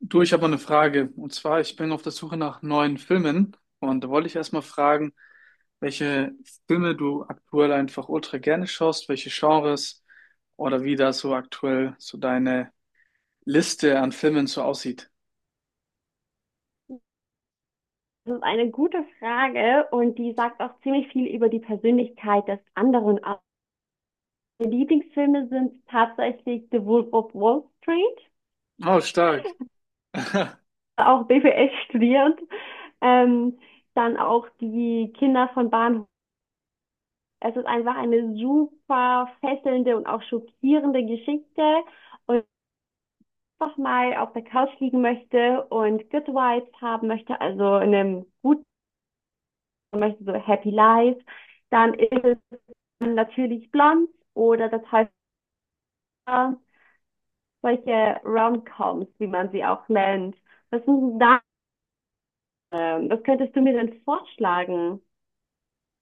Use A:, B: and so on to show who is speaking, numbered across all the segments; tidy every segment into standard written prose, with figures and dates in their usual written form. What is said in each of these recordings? A: Du, ich habe mal eine Frage. Und zwar, ich bin auf der Suche nach neuen Filmen. Und da wollte ich erstmal fragen, welche Filme du aktuell einfach ultra gerne schaust, welche Genres oder wie da so aktuell so deine Liste an Filmen so aussieht.
B: Das ist eine gute Frage und die sagt auch ziemlich viel über die Persönlichkeit des anderen aus. Meine Lieblingsfilme sind tatsächlich The Wolf of Wall Street,
A: Oh, stark.
B: auch BWL studiert, ähm, dann auch die Kinder von Bahnhof. Es ist einfach eine super fesselnde und auch schockierende Geschichte und einfach mal auf der Couch liegen möchte und Good Vibes haben möchte, also in einem guten möchte, so Happy Life, dann ist es natürlich blond oder das heißt solche Romcoms, wie man sie auch nennt. Was sind da? Was könntest du mir denn vorschlagen?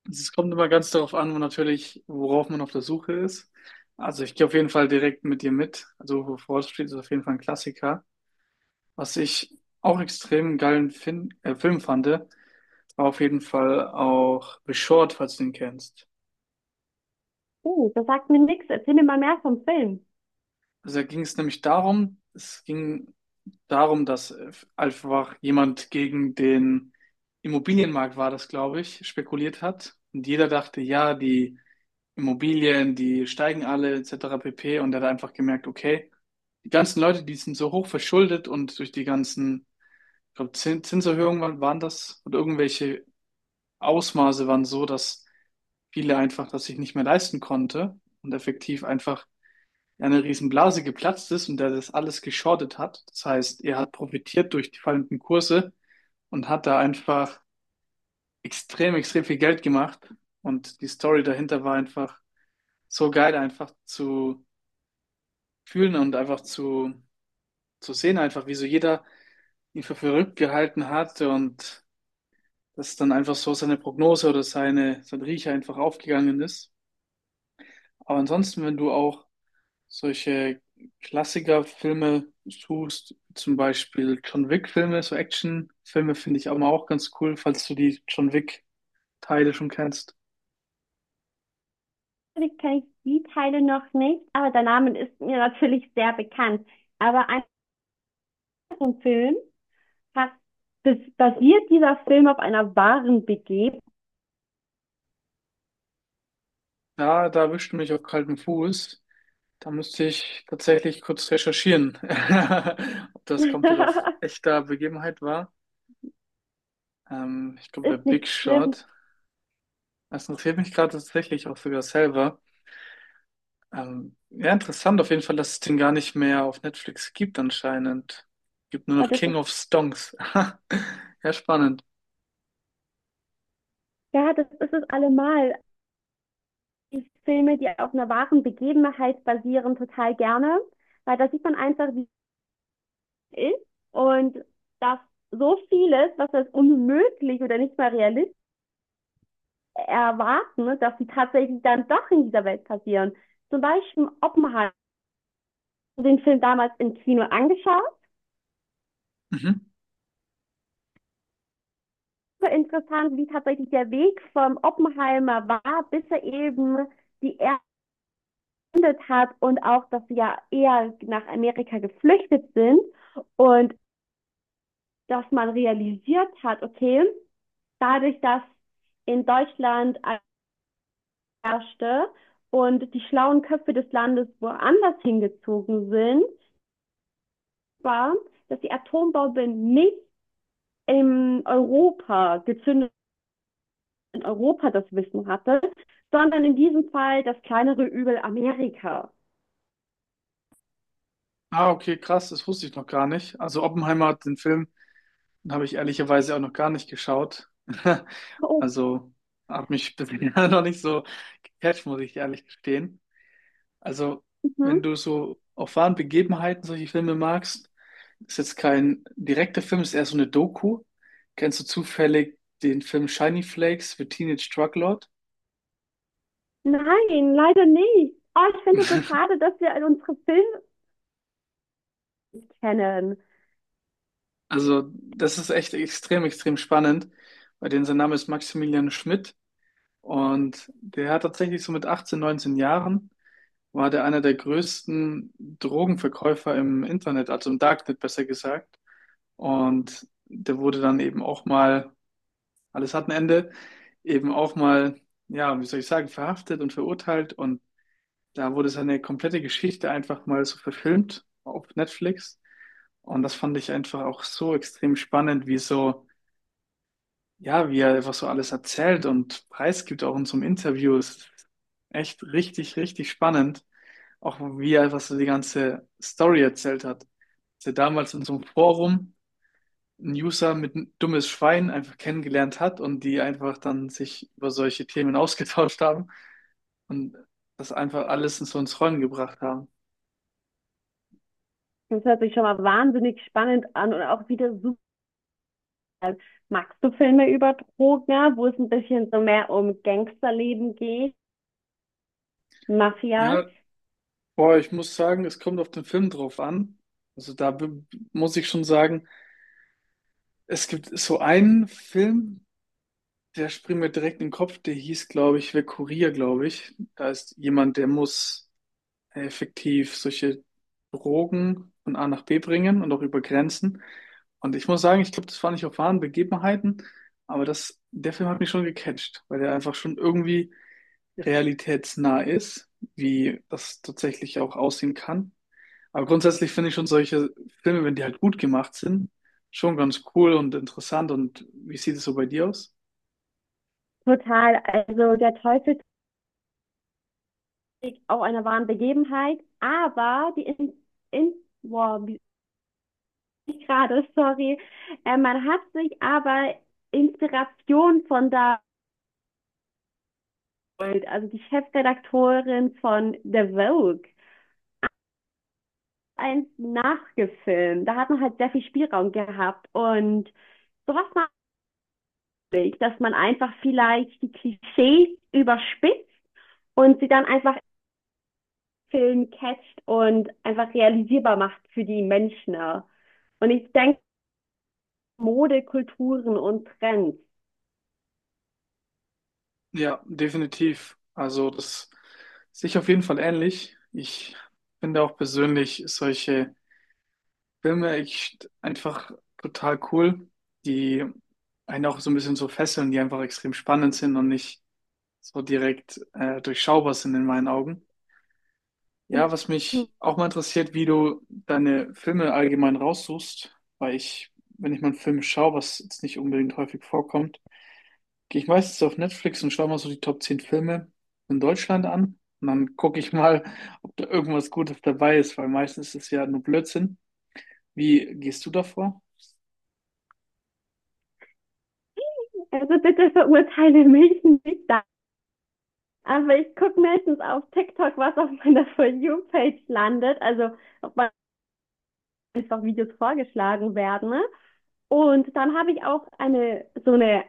A: Es kommt immer ganz darauf an, wo natürlich, worauf man auf der Suche ist. Also ich gehe auf jeden Fall direkt mit dir mit. Also Wolf of Wall Street ist auf jeden Fall ein Klassiker. Was ich auch extrem geilen fin Film fand, auf jeden Fall auch The Short, falls du ihn kennst.
B: Hm, das sagt mir nichts. Erzähl mir mal mehr vom Film.
A: Also da ging es nämlich darum, es ging darum, dass einfach jemand gegen den Immobilienmarkt war das, glaube ich, spekuliert hat. Und jeder dachte, ja, die Immobilien, die steigen alle, etc. pp. Und er hat einfach gemerkt, okay, die ganzen Leute, die sind so hoch verschuldet und durch die ganzen, ich glaube, Zinserhöhungen waren das und irgendwelche Ausmaße waren so, dass viele einfach das sich nicht mehr leisten konnte und effektiv einfach eine Riesenblase geplatzt ist und der das alles geschortet hat. Das heißt, er hat profitiert durch die fallenden Kurse und hat da einfach extrem, extrem viel Geld gemacht. Und die Story dahinter war einfach so geil, einfach zu fühlen und einfach zu sehen, einfach wie so jeder ihn für verrückt gehalten hat und dass dann einfach so seine Prognose oder seine, sein Riecher einfach aufgegangen ist. Aber ansonsten, wenn du auch solche Klassikerfilme suchst, zum Beispiel John Wick-Filme, so Action-Filme finde ich aber auch ganz cool, falls du die John Wick-Teile schon kennst.
B: Natürlich kenne ich die Teile noch nicht, aber der Name ist mir natürlich sehr bekannt. Aber einfach vom Film hat, das basiert dieser Film auf einer wahren Begebenheit.
A: Ja, da erwischt du mich auf kaltem Fuß. Da müsste ich tatsächlich kurz recherchieren, ob das komplett auf echter Begebenheit war. Ich glaube, bei
B: ist
A: Big
B: nicht schlimm.
A: Shot. Das interessiert mich gerade tatsächlich auch sogar selber. Ja, interessant auf jeden Fall, dass es den gar nicht mehr auf Netflix gibt anscheinend. Gibt nur
B: Und
A: noch
B: das
A: King
B: ist,
A: of Stonks. Ja, spannend.
B: ja, das ist es allemal. Die Filme, die auf einer wahren Begebenheit basieren, total gerne, weil da sieht man einfach, wie es ist und dass so vieles, was als unmöglich oder nicht mal realistisch erwarten, ne, dass sie tatsächlich dann doch in dieser Welt passieren. Zum Beispiel Oppenheimer, den Film damals im Kino angeschaut.
A: Mhm.
B: Super interessant, wie tatsächlich der Weg vom Oppenheimer war, bis er eben die Erde hat und auch, dass sie ja eher nach Amerika geflüchtet sind und dass man realisiert hat, okay, dadurch, dass in Deutschland herrschte und die schlauen Köpfe des Landes woanders hingezogen sind, war, dass die Atombombe nicht in Europa gezündet, in Europa das Wissen hatte, sondern in diesem Fall das kleinere Übel Amerika.
A: Ah, okay, krass, das wusste ich noch gar nicht. Also Oppenheimer, den Film, den habe ich ehrlicherweise auch noch gar nicht geschaut.
B: Oh,
A: Also hat mich bisher noch nicht so gecatcht, muss ich ehrlich gestehen. Also, wenn
B: mhm.
A: du so auf wahren Begebenheiten solche Filme magst, ist jetzt kein direkter Film, ist eher so eine Doku. Kennst du zufällig den Film Shiny Flakes für Teenage Drug Lord?
B: Nein, leider nicht. Oh, ich finde es so schade, dass wir unsere Filme kennen.
A: Also, das ist echt extrem, extrem spannend, bei denen sein Name ist Maximilian Schmidt und der hat tatsächlich so mit 18, 19 Jahren war der einer der größten Drogenverkäufer im Internet, also im Darknet besser gesagt. Und der wurde dann eben auch mal, alles hat ein Ende, eben auch mal, ja, wie soll ich sagen, verhaftet und verurteilt. Und da wurde seine komplette Geschichte einfach mal so verfilmt auf Netflix. Und das fand ich einfach auch so extrem spannend, wie so, ja, wie er einfach so alles erzählt und preisgibt auch in so einem Interview. Es ist echt richtig, richtig spannend. Auch wie er einfach so die ganze Story erzählt hat. Dass er damals in so einem Forum einen User mit ein dummes Schwein einfach kennengelernt hat und die einfach dann sich über solche Themen ausgetauscht haben. Und das einfach alles so ins Rollen gebracht haben.
B: Das hört sich schon mal wahnsinnig spannend an und auch wieder super. Magst du Filme über Drogen, ja, wo es ein bisschen so mehr um Gangsterleben geht, Mafia?
A: Ja, boah, ich muss sagen, es kommt auf den Film drauf an. Also da muss ich schon sagen, es gibt so einen Film, der springt mir direkt in den Kopf, der hieß, glaube ich, Wer Kurier, glaube ich. Da ist jemand, der muss effektiv solche Drogen von A nach B bringen und auch über Grenzen. Und ich muss sagen, ich glaube, das war nicht auf wahren Begebenheiten, aber das, der Film hat mich schon gecatcht, weil der einfach schon irgendwie realitätsnah ist, wie das tatsächlich auch aussehen kann. Aber grundsätzlich finde ich schon solche Filme, wenn die halt gut gemacht sind, schon ganz cool und interessant. Und wie sieht es so bei dir aus?
B: Total. Also der Teufel trägt auch einer wahren Begebenheit, aber die in wow, wie ich gerade, sorry, man hat sich aber Inspiration von da, geholt. Also die Chefredakteurin von The Vogue, eins nachgefilmt. Da hat man halt sehr viel Spielraum gehabt und sowas, dass man einfach vielleicht die Klischees überspitzt und sie dann einfach im Film catcht und einfach realisierbar macht für die Menschen. Ja. Und ich denke, Mode, Kulturen und Trends.
A: Ja, definitiv. Also das sehe ich auf jeden Fall ähnlich. Ich finde auch persönlich solche Filme echt einfach total cool, die einen auch so ein bisschen so fesseln, die einfach extrem spannend sind und nicht so direkt durchschaubar sind in meinen Augen. Ja, was mich auch mal interessiert, wie du deine Filme allgemein raussuchst, weil ich, wenn ich mal einen Film schaue, was jetzt nicht unbedingt häufig vorkommt, gehe ich meistens auf Netflix und schaue mal so die Top 10 Filme in Deutschland an und dann gucke ich mal, ob da irgendwas Gutes dabei ist, weil meistens ist es ja nur Blödsinn. Wie gehst du davor?
B: Also bitte verurteile mich nicht da. Aber ich gucke meistens auf TikTok, was auf meiner For You-Page landet, also ob man einfach Videos vorgeschlagen werden, ne? Und dann habe ich auch eine so eine,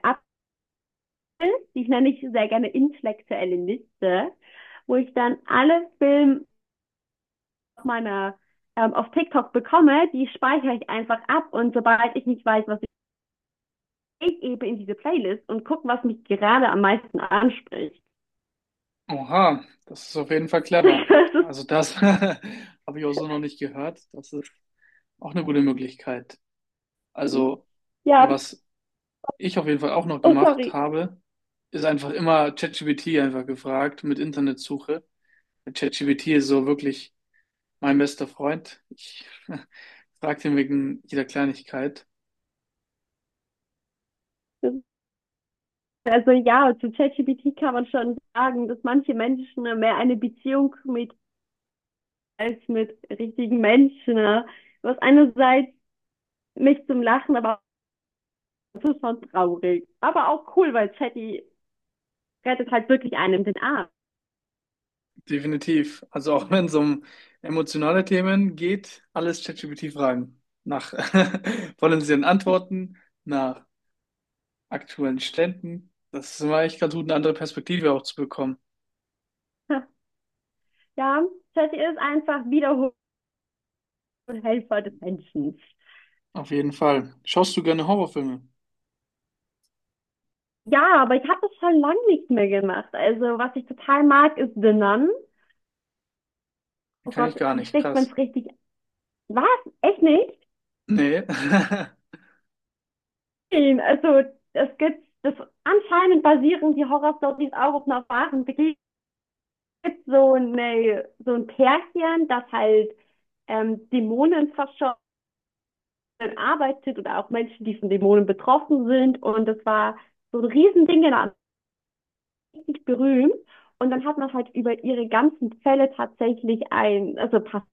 B: die nenne ich sehr gerne intellektuelle Liste, wo ich dann alle Filme auf meiner, auf TikTok bekomme, die speichere ich einfach ab und sobald ich nicht weiß, was ich ich eben in diese Playlist und gucke, was mich gerade am meisten anspricht.
A: Oha, das ist auf jeden Fall clever. Also das habe ich auch so noch nicht gehört. Das ist auch eine gute Möglichkeit.
B: Das ist,
A: Also
B: ja,
A: was ich auf jeden Fall auch noch
B: oh
A: gemacht
B: sorry.
A: habe, ist einfach immer ChatGPT einfach gefragt mit Internetsuche. ChatGPT ist so wirklich mein bester Freund. Ich frage ihn wegen jeder Kleinigkeit.
B: Das ist, also ja, zu ChatGPT kann man schon sagen, dass manche Menschen mehr eine Beziehung mit als mit richtigen Menschen, ne? Was einerseits mich zum Lachen, aber das ist schon traurig. Aber auch cool, weil Chatty rettet halt wirklich einem den Arm.
A: Definitiv. Also auch wenn es um emotionale Themen geht, alles ChatGPT fragen. Nach potenziellen Antworten, nach aktuellen Ständen. Das ist immer echt ganz gut, eine andere Perspektive auch zu bekommen.
B: Ja, Chatty ist einfach wiederholt Helfer des Menschen.
A: Auf jeden Fall. Schaust du gerne Horrorfilme?
B: Ja, aber ich habe das schon lange nicht mehr gemacht. Also, was ich total mag, ist The Nun. Oh
A: Kann ich
B: Gott,
A: gar
B: wie
A: nicht.
B: spricht man
A: Krass.
B: es richtig? Was? Echt nicht?
A: Nee.
B: Also, es gibt, das anscheinend basieren die Horror-Stories auch auf einer wahren Begegnung. Es gibt so, eine, so ein Pärchen, das halt Dämonen verschont arbeitet oder auch Menschen, die von Dämonen betroffen sind. Und das war so ein Riesending, genau, richtig berühmt. Und dann hat man halt über ihre ganzen Fälle tatsächlich ein, also pass,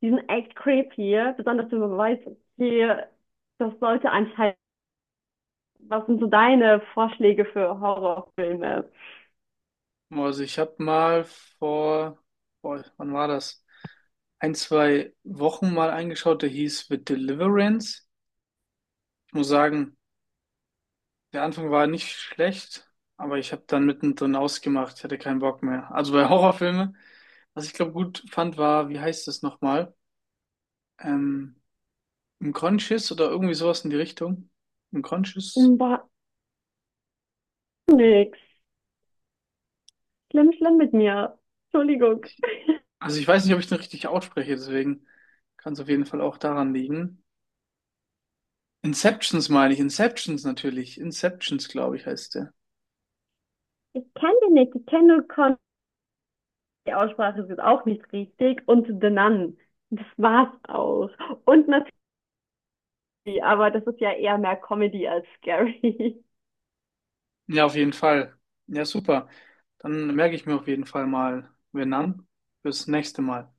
B: die sind echt creepy, ja, besonders wenn man weiß, okay, das sollte anscheinend, was sind so deine Vorschläge für Horrorfilme?
A: Also ich habe mal vor, boah, wann war das? Ein, zwei Wochen mal eingeschaut, der hieß The Deliverance. Ich muss sagen, der Anfang war nicht schlecht, aber ich habe dann mittendrin ausgemacht, ich hatte keinen Bock mehr. Also bei Horrorfilmen, was ich glaube gut fand, war, wie heißt das nochmal? Ähm, Unconscious oder irgendwie sowas in die Richtung. Unconscious.
B: War nix. Schlimm, schlimm mit mir. Entschuldigung.
A: Also ich weiß nicht, ob ich den richtig ausspreche, deswegen kann es auf jeden Fall auch daran liegen. Inceptions meine ich. Inceptions natürlich. Inceptions, glaube ich, heißt der.
B: Ich kenne den nicht, ich kenne nur Con, die Aussprache ist jetzt auch nicht richtig. Und The Nun. Das war's auch. Und aber das ist ja eher mehr Comedy als scary.
A: Ja, auf jeden Fall. Ja, super. Dann merke ich mir auf jeden Fall mal Vietnam fürs nächste Mal.